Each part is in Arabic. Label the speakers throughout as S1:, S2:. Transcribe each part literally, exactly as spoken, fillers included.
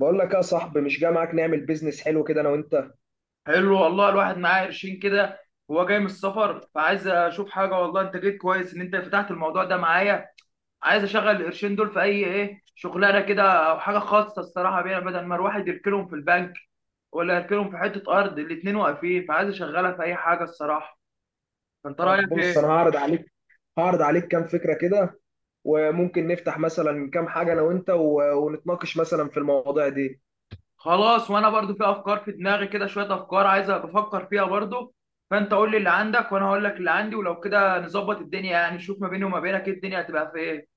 S1: بقول لك يا صاحبي مش جاي معاك نعمل بيزنس حلو كده انا وانت.
S2: حلو والله، الواحد معاه قرشين كده. هو جاي من السفر فعايز اشوف حاجه والله. انت جيت كويس ان انت فتحت الموضوع ده معايا. عايز اشغل القرشين دول في اي، ايه شغلانه كده او حاجه خاصه الصراحه بيها، بدل ما الواحد يركنهم في البنك ولا يركنهم في حته ارض. الاتنين واقفين، فعايز اشغلها في اي حاجه الصراحه. فانت
S1: طب
S2: رايك
S1: بص، انا
S2: ايه؟
S1: هعرض عليك هعرض عليك كام فكره كده. وممكن نفتح مثلا كام حاجه انا وانت و... ونتناقش مثلا في المواضيع دي.
S2: خلاص، وانا برضو في افكار في دماغي كده، شويه افكار عايز بفكر فيها برضو. فانت قول لي اللي عندك وانا هقول لك اللي عندي، ولو كده نظبط الدنيا، يعني نشوف ما بيني وما بينك إيه الدنيا هتبقى في ايه.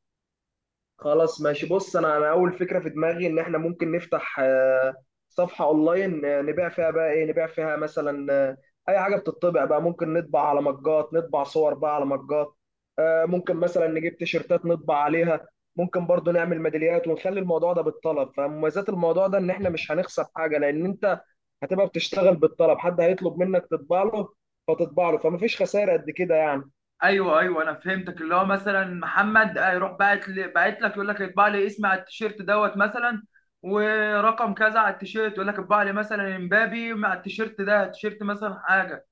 S1: خلاص ماشي، بص انا انا اول فكره في دماغي ان احنا ممكن نفتح آه، صفحه اونلاين. آه، نبيع فيها بقى ايه؟ نبيع فيها مثلا آه، اي حاجه بتطبع بقى. ممكن نطبع على مجات، نطبع صور بقى على مجات. آه، ممكن مثلا نجيب تيشرتات نطبع عليها. ممكن برضو نعمل ميداليات ونخلي الموضوع ده بالطلب. فمميزات الموضوع ده ان احنا مش هنخسر حاجه، لان انت هتبقى بتشتغل بالطلب، حد هيطلب منك تطبع له فتطبع له، فمفيش خسائر قد كده يعني.
S2: ايوه ايوه، انا فهمتك، اللي هو مثلا محمد آه، يروح باعت لي، باعت لك يقول لك اطبع لي اسمي على التيشيرت دوت مثلا، ورقم كذا على التيشيرت، يقول لك اطبع لي مثلا امبابي مع التيشيرت ده، تيشيرت مثلا حاجه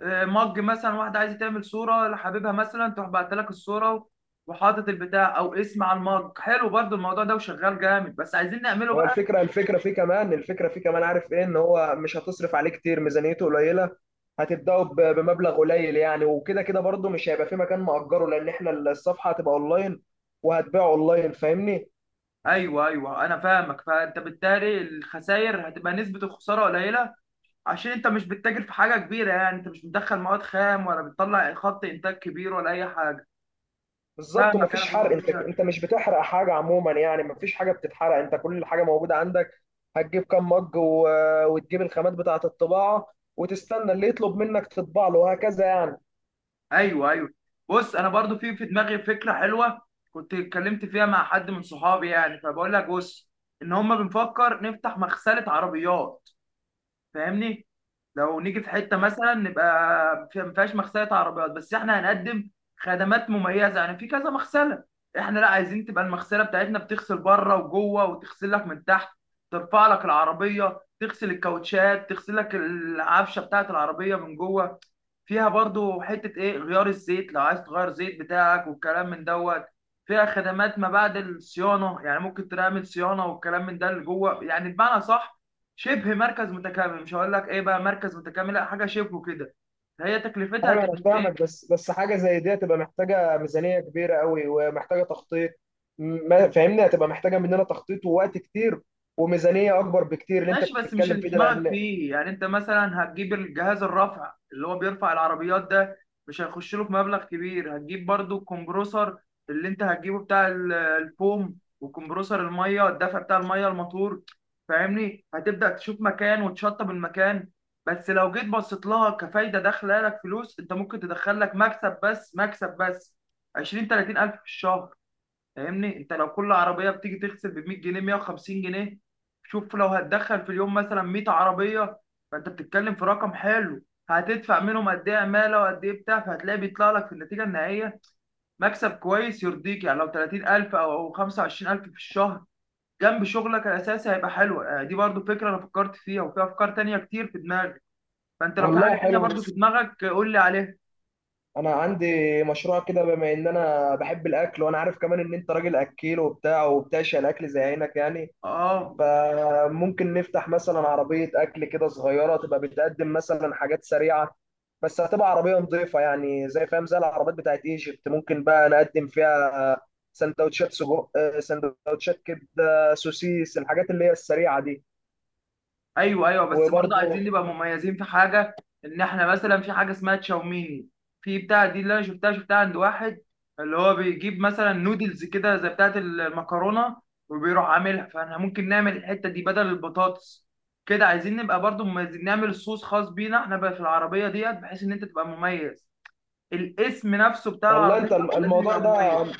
S2: آه، مج. مثلا واحده عايزه تعمل صوره لحبيبها، مثلا تروح بعت لك الصوره وحاطط البتاع او اسم على المج. حلو برضو الموضوع ده وشغال جامد، بس عايزين نعمله
S1: هو
S2: بقى.
S1: الفكرة الفكرة فيه كمان الفكرة فيه كمان عارف ايه، ان هو مش هتصرف عليه كتير، ميزانيته قليلة. هتبدأوا ب- بمبلغ قليل يعني. وكده كده برضه مش هيبقى في مكان مأجره، لان احنا الصفحة هتبقى اونلاين وهتبيع اونلاين، فاهمني؟
S2: ايوه ايوه، انا فاهمك. فانت بالتالي الخسائر هتبقى نسبه الخساره قليله، عشان انت مش بتتاجر في حاجه كبيره، يعني انت مش بتدخل مواد خام ولا بتطلع خط انتاج كبير ولا اي حاجه.
S1: بالظبط،
S2: فاهمك انا
S1: ومفيش
S2: في
S1: حرق.
S2: الموضوع
S1: انت
S2: ده.
S1: انت مش بتحرق حاجة عموما يعني، مفيش حاجة بتتحرق، انت كل حاجة موجودة عندك. هتجيب كام مج و... وتجيب الخامات بتاعة الطباعة وتستنى اللي يطلب منك تطبع له وهكذا يعني.
S2: ايوه ايوه. بص انا برضو في في دماغي فكره حلوه، كنت اتكلمت فيها مع حد من صحابي يعني. فبقول لك بص، ان هم بنفكر نفتح مغسله عربيات، فاهمني؟ لو نيجي في حته مثلا نبقى في- ما فيهاش مغسله عربيات، بس احنا هنقدم خدمات مميزه يعني في كذا مغسله. احنا لا، عايزين تبقى المغسله بتاعتنا بتغسل بره وجوه، وتغسل لك من تحت، ترفع لك العربيه، تغسل الكاوتشات، تغسل لك العفشه بتاعت العربيه من جوه. فيها برضو حته ايه، غيار الزيت لو عايز تغير زيت بتاعك والكلام من دوت. فيها خدمات ما بعد الصيانه، يعني ممكن تعمل صيانه والكلام من ده اللي جوه، يعني بمعنى صح شبه مركز متكامل. مش هقول لك ايه بقى مركز متكامل لا، حاجه شبهه كده. هي تكلفتها
S1: ايوه، انا
S2: هتبقى في
S1: فاهمك،
S2: ايه؟
S1: بس بس حاجه زي دي هتبقى محتاجه ميزانيه كبيره قوي ومحتاجه تخطيط. م- ما فاهمني، هتبقى محتاجه مننا تخطيط ووقت كتير وميزانيه اكبر بكتير اللي انت
S2: ماشي، بس مش
S1: بتتكلم
S2: اللي في
S1: فيه ده،
S2: دماغك
S1: لان...
S2: فيه، يعني انت مثلا هتجيب الجهاز الرفع اللي هو بيرفع العربيات ده مش هيخش له في مبلغ كبير. هتجيب برضو الكمبروسر اللي انت هتجيبه بتاع ال- الفوم، وكمبروسر الميه الدفع بتاع الميه الموتور، فاهمني؟ هتبدأ تشوف مكان وتشطب المكان. بس لو جيت بصيت لها كفايدة داخلة لك فلوس، انت ممكن تدخل لك مكسب، بس مكسب بس عشرين تلاتين ألف في الشهر، فاهمني؟ انت لو كل عربيه بتيجي تغسل ب مية جنيه مائة وخمسين جنيه، شوف لو هتدخل في اليوم مثلا مية عربيه، فانت بتتكلم في رقم حلو. هتدفع منهم قد ايه عماله، وقد ايه بتاع، فهتلاقي بيطلع لك في النتيجه النهائيه مكسب كويس يرضيك، يعني لو تلاتين ألف او خمسه وعشرين ألف في الشهر جنب شغلك الاساسي هيبقى حلو. آه، دي برضو فكره انا فكرت فيها، وفي افكار تانية كتير في دماغي. فانت لو في
S1: والله
S2: حاجه تانية
S1: حلو.
S2: برضو
S1: بس
S2: في دماغك آه، قول لي عليها.
S1: انا عندي مشروع كده، بما ان انا بحب الاكل وانا عارف كمان ان انت راجل اكيل وبتاع وبتعشق الاكل زي عينك يعني.
S2: اه.
S1: فممكن نفتح مثلا عربية أكل كده صغيرة، تبقى بتقدم مثلا حاجات سريعة. بس هتبقى عربية نظيفة يعني، زي فاهم، زي العربيات بتاعت ايجيبت. ممكن بقى نقدم فيها سندوتشات سجق، آه، سندوتشات كبدة، سوسيس، الحاجات اللي هي السريعة دي.
S2: ايوه ايوه، بس برضه
S1: وبرضه
S2: عايزين نبقى مميزين في حاجه. ان احنا مثلا في حاجه اسمها تشاوميني، في بتاع دي اللي انا شفتها شفتها عند واحد، اللي هو بيجيب مثلا نودلز كده زي بتاعه المكرونه وبيروح عاملها. فاحنا ممكن نعمل الحته دي بدل البطاطس كده. عايزين نبقى برضه مميزين، نعمل صوص خاص بينا احنا بقى في العربيه ديت، بحيث ان انت تبقى مميز. الاسم نفسه بتاع
S1: والله
S2: العربيه
S1: انت الم-
S2: لازم
S1: الموضوع
S2: يبقى
S1: ده.
S2: مميز،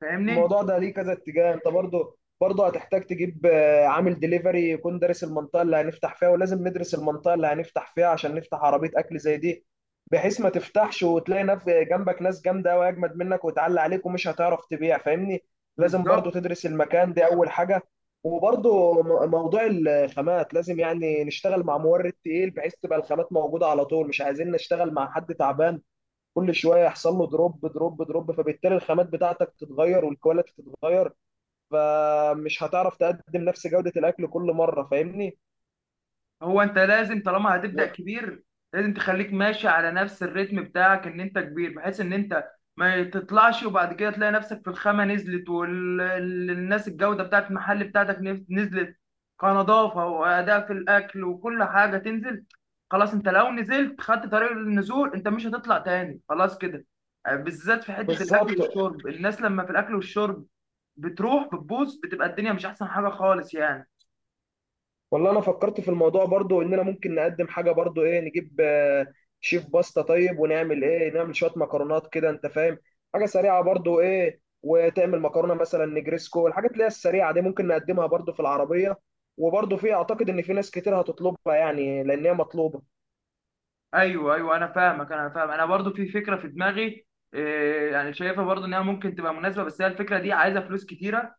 S2: فاهمني؟
S1: الموضوع ده ليه كذا اتجاه. انت برضه برضه هتحتاج تجيب آه، عامل دليفري يكون دارس المنطقه اللي هنفتح فيها، ولازم ندرس المنطقه اللي هنفتح فيها عشان نفتح عربيه اكل زي دي، بحيث ما تفتحش وتلاقي نف جنبك ناس جامده واجمد منك وتعلي عليك ومش هتعرف تبيع، فاهمني؟ لازم برضه
S2: بالظبط.
S1: تدرس المكان دي اول حاجه. وبرضه م- موضوع الخامات لازم يعني نشتغل مع مورد تقيل، بحيث تبقى الخامات موجوده على طول. مش عايزين نشتغل مع حد تعبان كل شويه يحصل له دروب دروب دروب، فبالتالي الخامات بتاعتك تتغير والكواليتي تتغير، فمش هتعرف تقدم نفس جوده الاكل كل مره، فاهمني؟
S2: هو انت لازم طالما هتبدأ
S1: و-
S2: كبير، لازم تخليك ماشي على نفس الريتم بتاعك ان انت كبير، بحيث ان انت ما تطلعش وبعد كده تلاقي نفسك في الخامة نزلت، والناس الجودة بتاعت المحل بتاعتك نف- نزلت كنظافة وأداء في الأكل، وكل حاجة تنزل. خلاص انت لو نزلت خدت طريق النزول، انت مش هتطلع تاني خلاص كده. آه، بالذات في حتة الأكل
S1: بالظبط.
S2: والشرب. الناس لما في الأكل والشرب بتروح بتبوظ، بتبقى الدنيا مش أحسن حاجة خالص يعني.
S1: والله انا فكرت في الموضوع برضو، اننا ممكن نقدم حاجه برضو ايه، نجيب آه، شيف باستا طيب، ونعمل ايه، نعمل شويه مكرونات كده، انت فاهم، حاجه سريعه برضو ايه. وتعمل مكرونه مثلا نجريسكو، الحاجات اللي هي السريعه دي ممكن نقدمها برضو في العربيه. وبرضو في اعتقد ان في ناس كتير هتطلبها يعني، لان هي مطلوبه.
S2: ايوه ايوه، انا فاهمك، انا فاهم. انا برضو في فكره في دماغي إيه، يعني شايفها برضو انها ممكن تبقى مناسبه، بس هي الفكره دي عايزه فلوس كتيره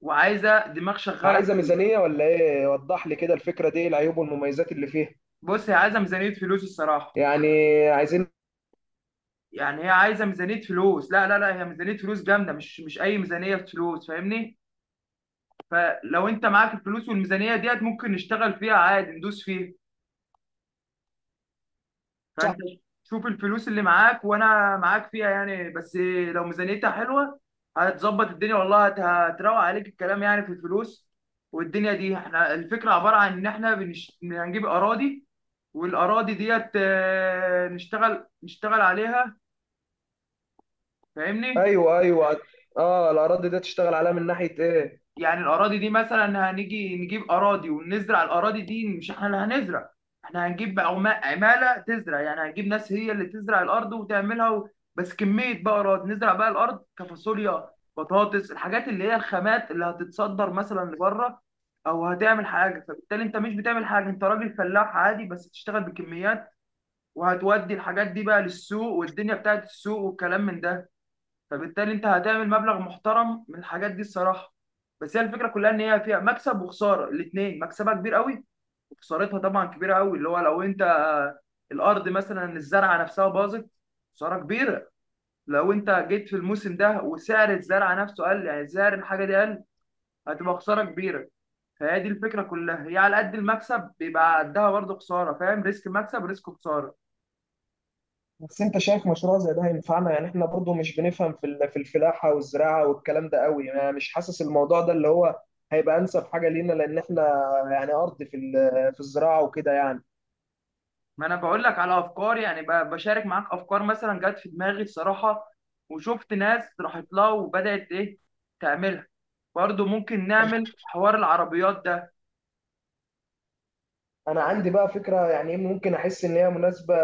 S2: وعايزه دماغ شغاله.
S1: عايزة ميزانية ولا ايه؟ وضح لي كده الفكرة دي إيه العيوب والمميزات اللي فيها.
S2: بص، هي عايزه ميزانيه فلوس الصراحه،
S1: يعني عايزين
S2: يعني هي عايزه ميزانيه فلوس. لا لا لا، هي ميزانيه فلوس جامده، مش مش اي ميزانيه فلوس، فاهمني؟ فلو انت معاك الفلوس والميزانيه ديت، ممكن نشتغل فيها عادي، ندوس فيها.
S1: صح.
S2: فانت شوف الفلوس اللي معاك، وانا معاك فيها يعني، بس لو ميزانيتها حلوه هتظبط الدنيا والله. هت- هتروق عليك الكلام يعني في الفلوس. والدنيا دي احنا الفكره عباره عن ان احنا بنش... هنجيب اراضي، والاراضي ديت آه، نشتغل نشتغل عليها، فاهمني؟
S1: ايوه ايوه. اه، الاراضي ده تشتغل عليها من ناحية ايه؟
S2: يعني الأراضي دي مثلا هنيجي نجيب أراضي ونزرع الأراضي دي. مش احنا اللي هنزرع، احنا هنجيب عما- عمالة تزرع، يعني هنجيب ناس هي اللي تزرع الأرض وتعملها و... بس كمية بقى أراضي، نزرع بقى الأرض كفاصوليا، بطاطس، الحاجات اللي هي الخامات اللي هتتصدر مثلا لبره أو هتعمل حاجة. فبالتالي أنت مش بتعمل حاجة، أنت راجل فلاح عادي بس بتشتغل بكميات، وهتودي الحاجات دي بقى للسوق والدنيا بتاعت السوق والكلام من ده. فبالتالي انت هتعمل مبلغ محترم من الحاجات دي الصراحه. بس هي الفكره كلها ان هي فيها مكسب وخساره الاثنين. مكسبها كبير قوي، وخسارتها طبعا كبيره قوي، اللي هو لو انت الارض مثلا الزرعه نفسها باظت، خساره كبيره. لو انت جيت في الموسم ده وسعر الزرعه نفسه قل، يعني سعر الحاجه دي قل، هتبقى خساره كبيره. فهي دي الفكره كلها، هي على قد المكسب بيبقى قدها برضه خساره، فاهم؟ ريسك مكسب، ريسك خساره.
S1: بس انت شايف مشروع زي ده هينفعنا؟ يعني احنا برضو مش بنفهم في ال- في الفلاحة والزراعة والكلام ده قوي يعني. مش حاسس الموضوع ده اللي هو هيبقى انسب حاجة لينا، لان احنا يعني ارض في ال- في الزراعة وكده يعني.
S2: ما انا بقول لك على افكار يعني، ب- بشارك معاك افكار مثلا جت في دماغي الصراحه، وشفت ناس راحت لها وبدات ايه تعملها. برضو ممكن نعمل حوار العربيات ده.
S1: انا عندي بقى فكرة يعني إيه، ممكن احس ان هي مناسبة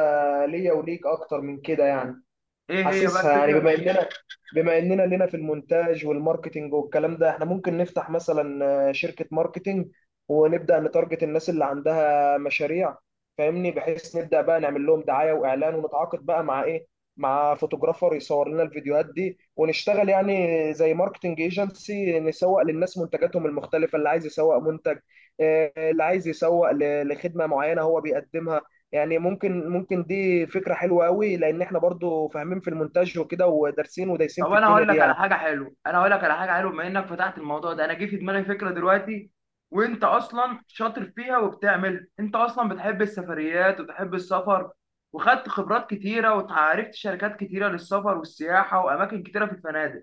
S1: ليا وليك اكتر من كده يعني.
S2: ايه هي بقى
S1: حاسسها يعني، بما
S2: الفكره؟
S1: اننا بما اننا لنا في المونتاج والماركتينج والكلام ده، احنا ممكن نفتح مثلا آه، شركة ماركتينج ونبدأ نتارجت الناس اللي عندها مشاريع، فاهمني؟ بحيث نبدأ بقى نعمل لهم دعاية واعلان، ونتعاقد بقى مع ايه، مع فوتوغرافر يصور لنا الفيديوهات دي، ونشتغل يعني زي ماركتينج ايجنسي، نسوق للناس منتجاتهم المختلفة، اللي عايز يسوق منتج، آه، اللي عايز يسوق ل- لخدمة معينة هو بيقدمها. يعني ممكن ممكن دي فكرة حلوة قوي، لأن احنا برضو فاهمين في المونتاج وكده ودارسين ودايسين
S2: طب
S1: في
S2: انا
S1: الدنيا
S2: هقول
S1: دي
S2: لك على
S1: يعني.
S2: حاجه حلوه، انا هقول لك على حاجه حلوه بما انك فتحت الموضوع ده، انا جه في دماغي فكره دلوقتي، وانت اصلا شاطر فيها وبتعملها، انت اصلا بتحب السفريات وبتحب السفر، وخدت خبرات كتيره وتعرفت شركات كتيره للسفر والسياحه واماكن كتيره في الفنادق.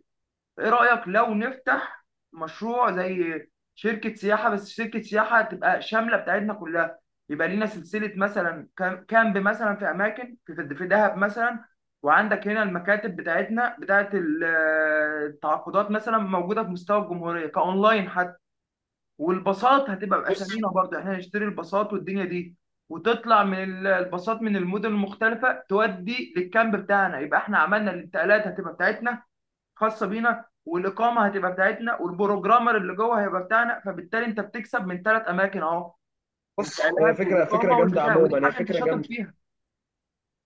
S2: ايه رأيك لو نفتح مشروع زي شركة سياحة؟ بس شركة سياحة تبقى شاملة بتاعتنا كلها. يبقى لينا سلسلة مثلا كام- كامب مثلا في أماكن في في في دهب مثلا، وعندك هنا المكاتب بتاعتنا بتاعت ال- التعاقدات مثلا موجودة في مستوى الجمهورية كأونلاين حتى، والباصات هتبقى
S1: بص.
S2: بأسامينا برضه، احنا نشتري الباصات والدنيا دي، وتطلع من ال- الباصات من المدن المختلفة تودي للكامب بتاعنا، يبقى احنا عملنا الانتقالات هتبقى بتاعتنا خاصه بينا، والاقامه هتبقى بتاعتنا، والبروجرامر اللي جوه هيبقى بتاعنا. فبالتالي انت بتكسب من ثلاث اماكن اهو،
S1: بص، آه،
S2: الانتقالات
S1: فكرة فكرة
S2: والاقامه
S1: جامدة
S2: والبتاع، ودي
S1: عموما، هي
S2: حاجه انت
S1: فكرة
S2: شاطر
S1: جامدة،
S2: فيها.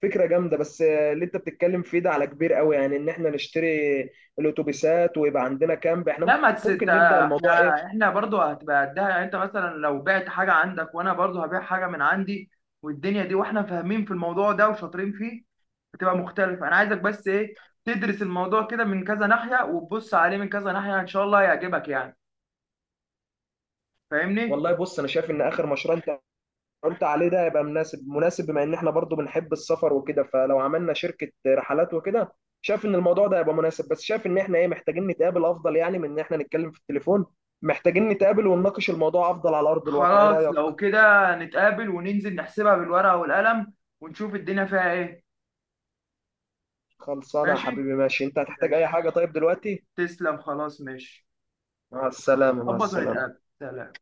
S1: فكرة جامدة. بس آه، اللي انت بتتكلم فيه ده على كبير قوي يعني، ان احنا نشتري الاتوبيسات ويبقى عندنا كامب احنا.
S2: لا، ما تس...
S1: ممكن نبدأ
S2: تا-
S1: الموضوع ايه.
S2: احنا احنا برضو هتبقى قدها يعني، انت مثلا لو بعت حاجه عندك، وانا برضو هبيع حاجه من عندي والدنيا دي، واحنا فاهمين في الموضوع ده وشاطرين فيه، هتبقى مختلفه. انا عايزك بس ايه، تدرس الموضوع كده من كذا ناحيه، وتبص عليه من كذا ناحيه، ان شاء الله هيعجبك يعني، فاهمني؟
S1: والله بص، انا شايف ان اخر مشروع انت قلت عليه ده هيبقى مناسب مناسب، بما ان احنا برضو بنحب السفر وكده، فلو عملنا شركة رحلات وكده شايف ان الموضوع ده هيبقى مناسب. بس شايف ان احنا ايه، محتاجين نتقابل افضل، يعني من ان احنا نتكلم في التليفون محتاجين نتقابل ونناقش الموضوع افضل على ارض الواقع. ايه
S2: خلاص
S1: رأيك؟
S2: لو كده، نتقابل وننزل نحسبها بالورقة والقلم، ونشوف الدنيا فيها ايه.
S1: خلصانة يا
S2: ماشي.
S1: حبيبي. ماشي، انت هتحتاج اي
S2: ماشي.
S1: حاجة طيب دلوقتي؟
S2: تسلم، خلاص ماشي.
S1: مع السلامة، مع
S2: ظبط،
S1: السلامة.
S2: ونتقابل، سلام.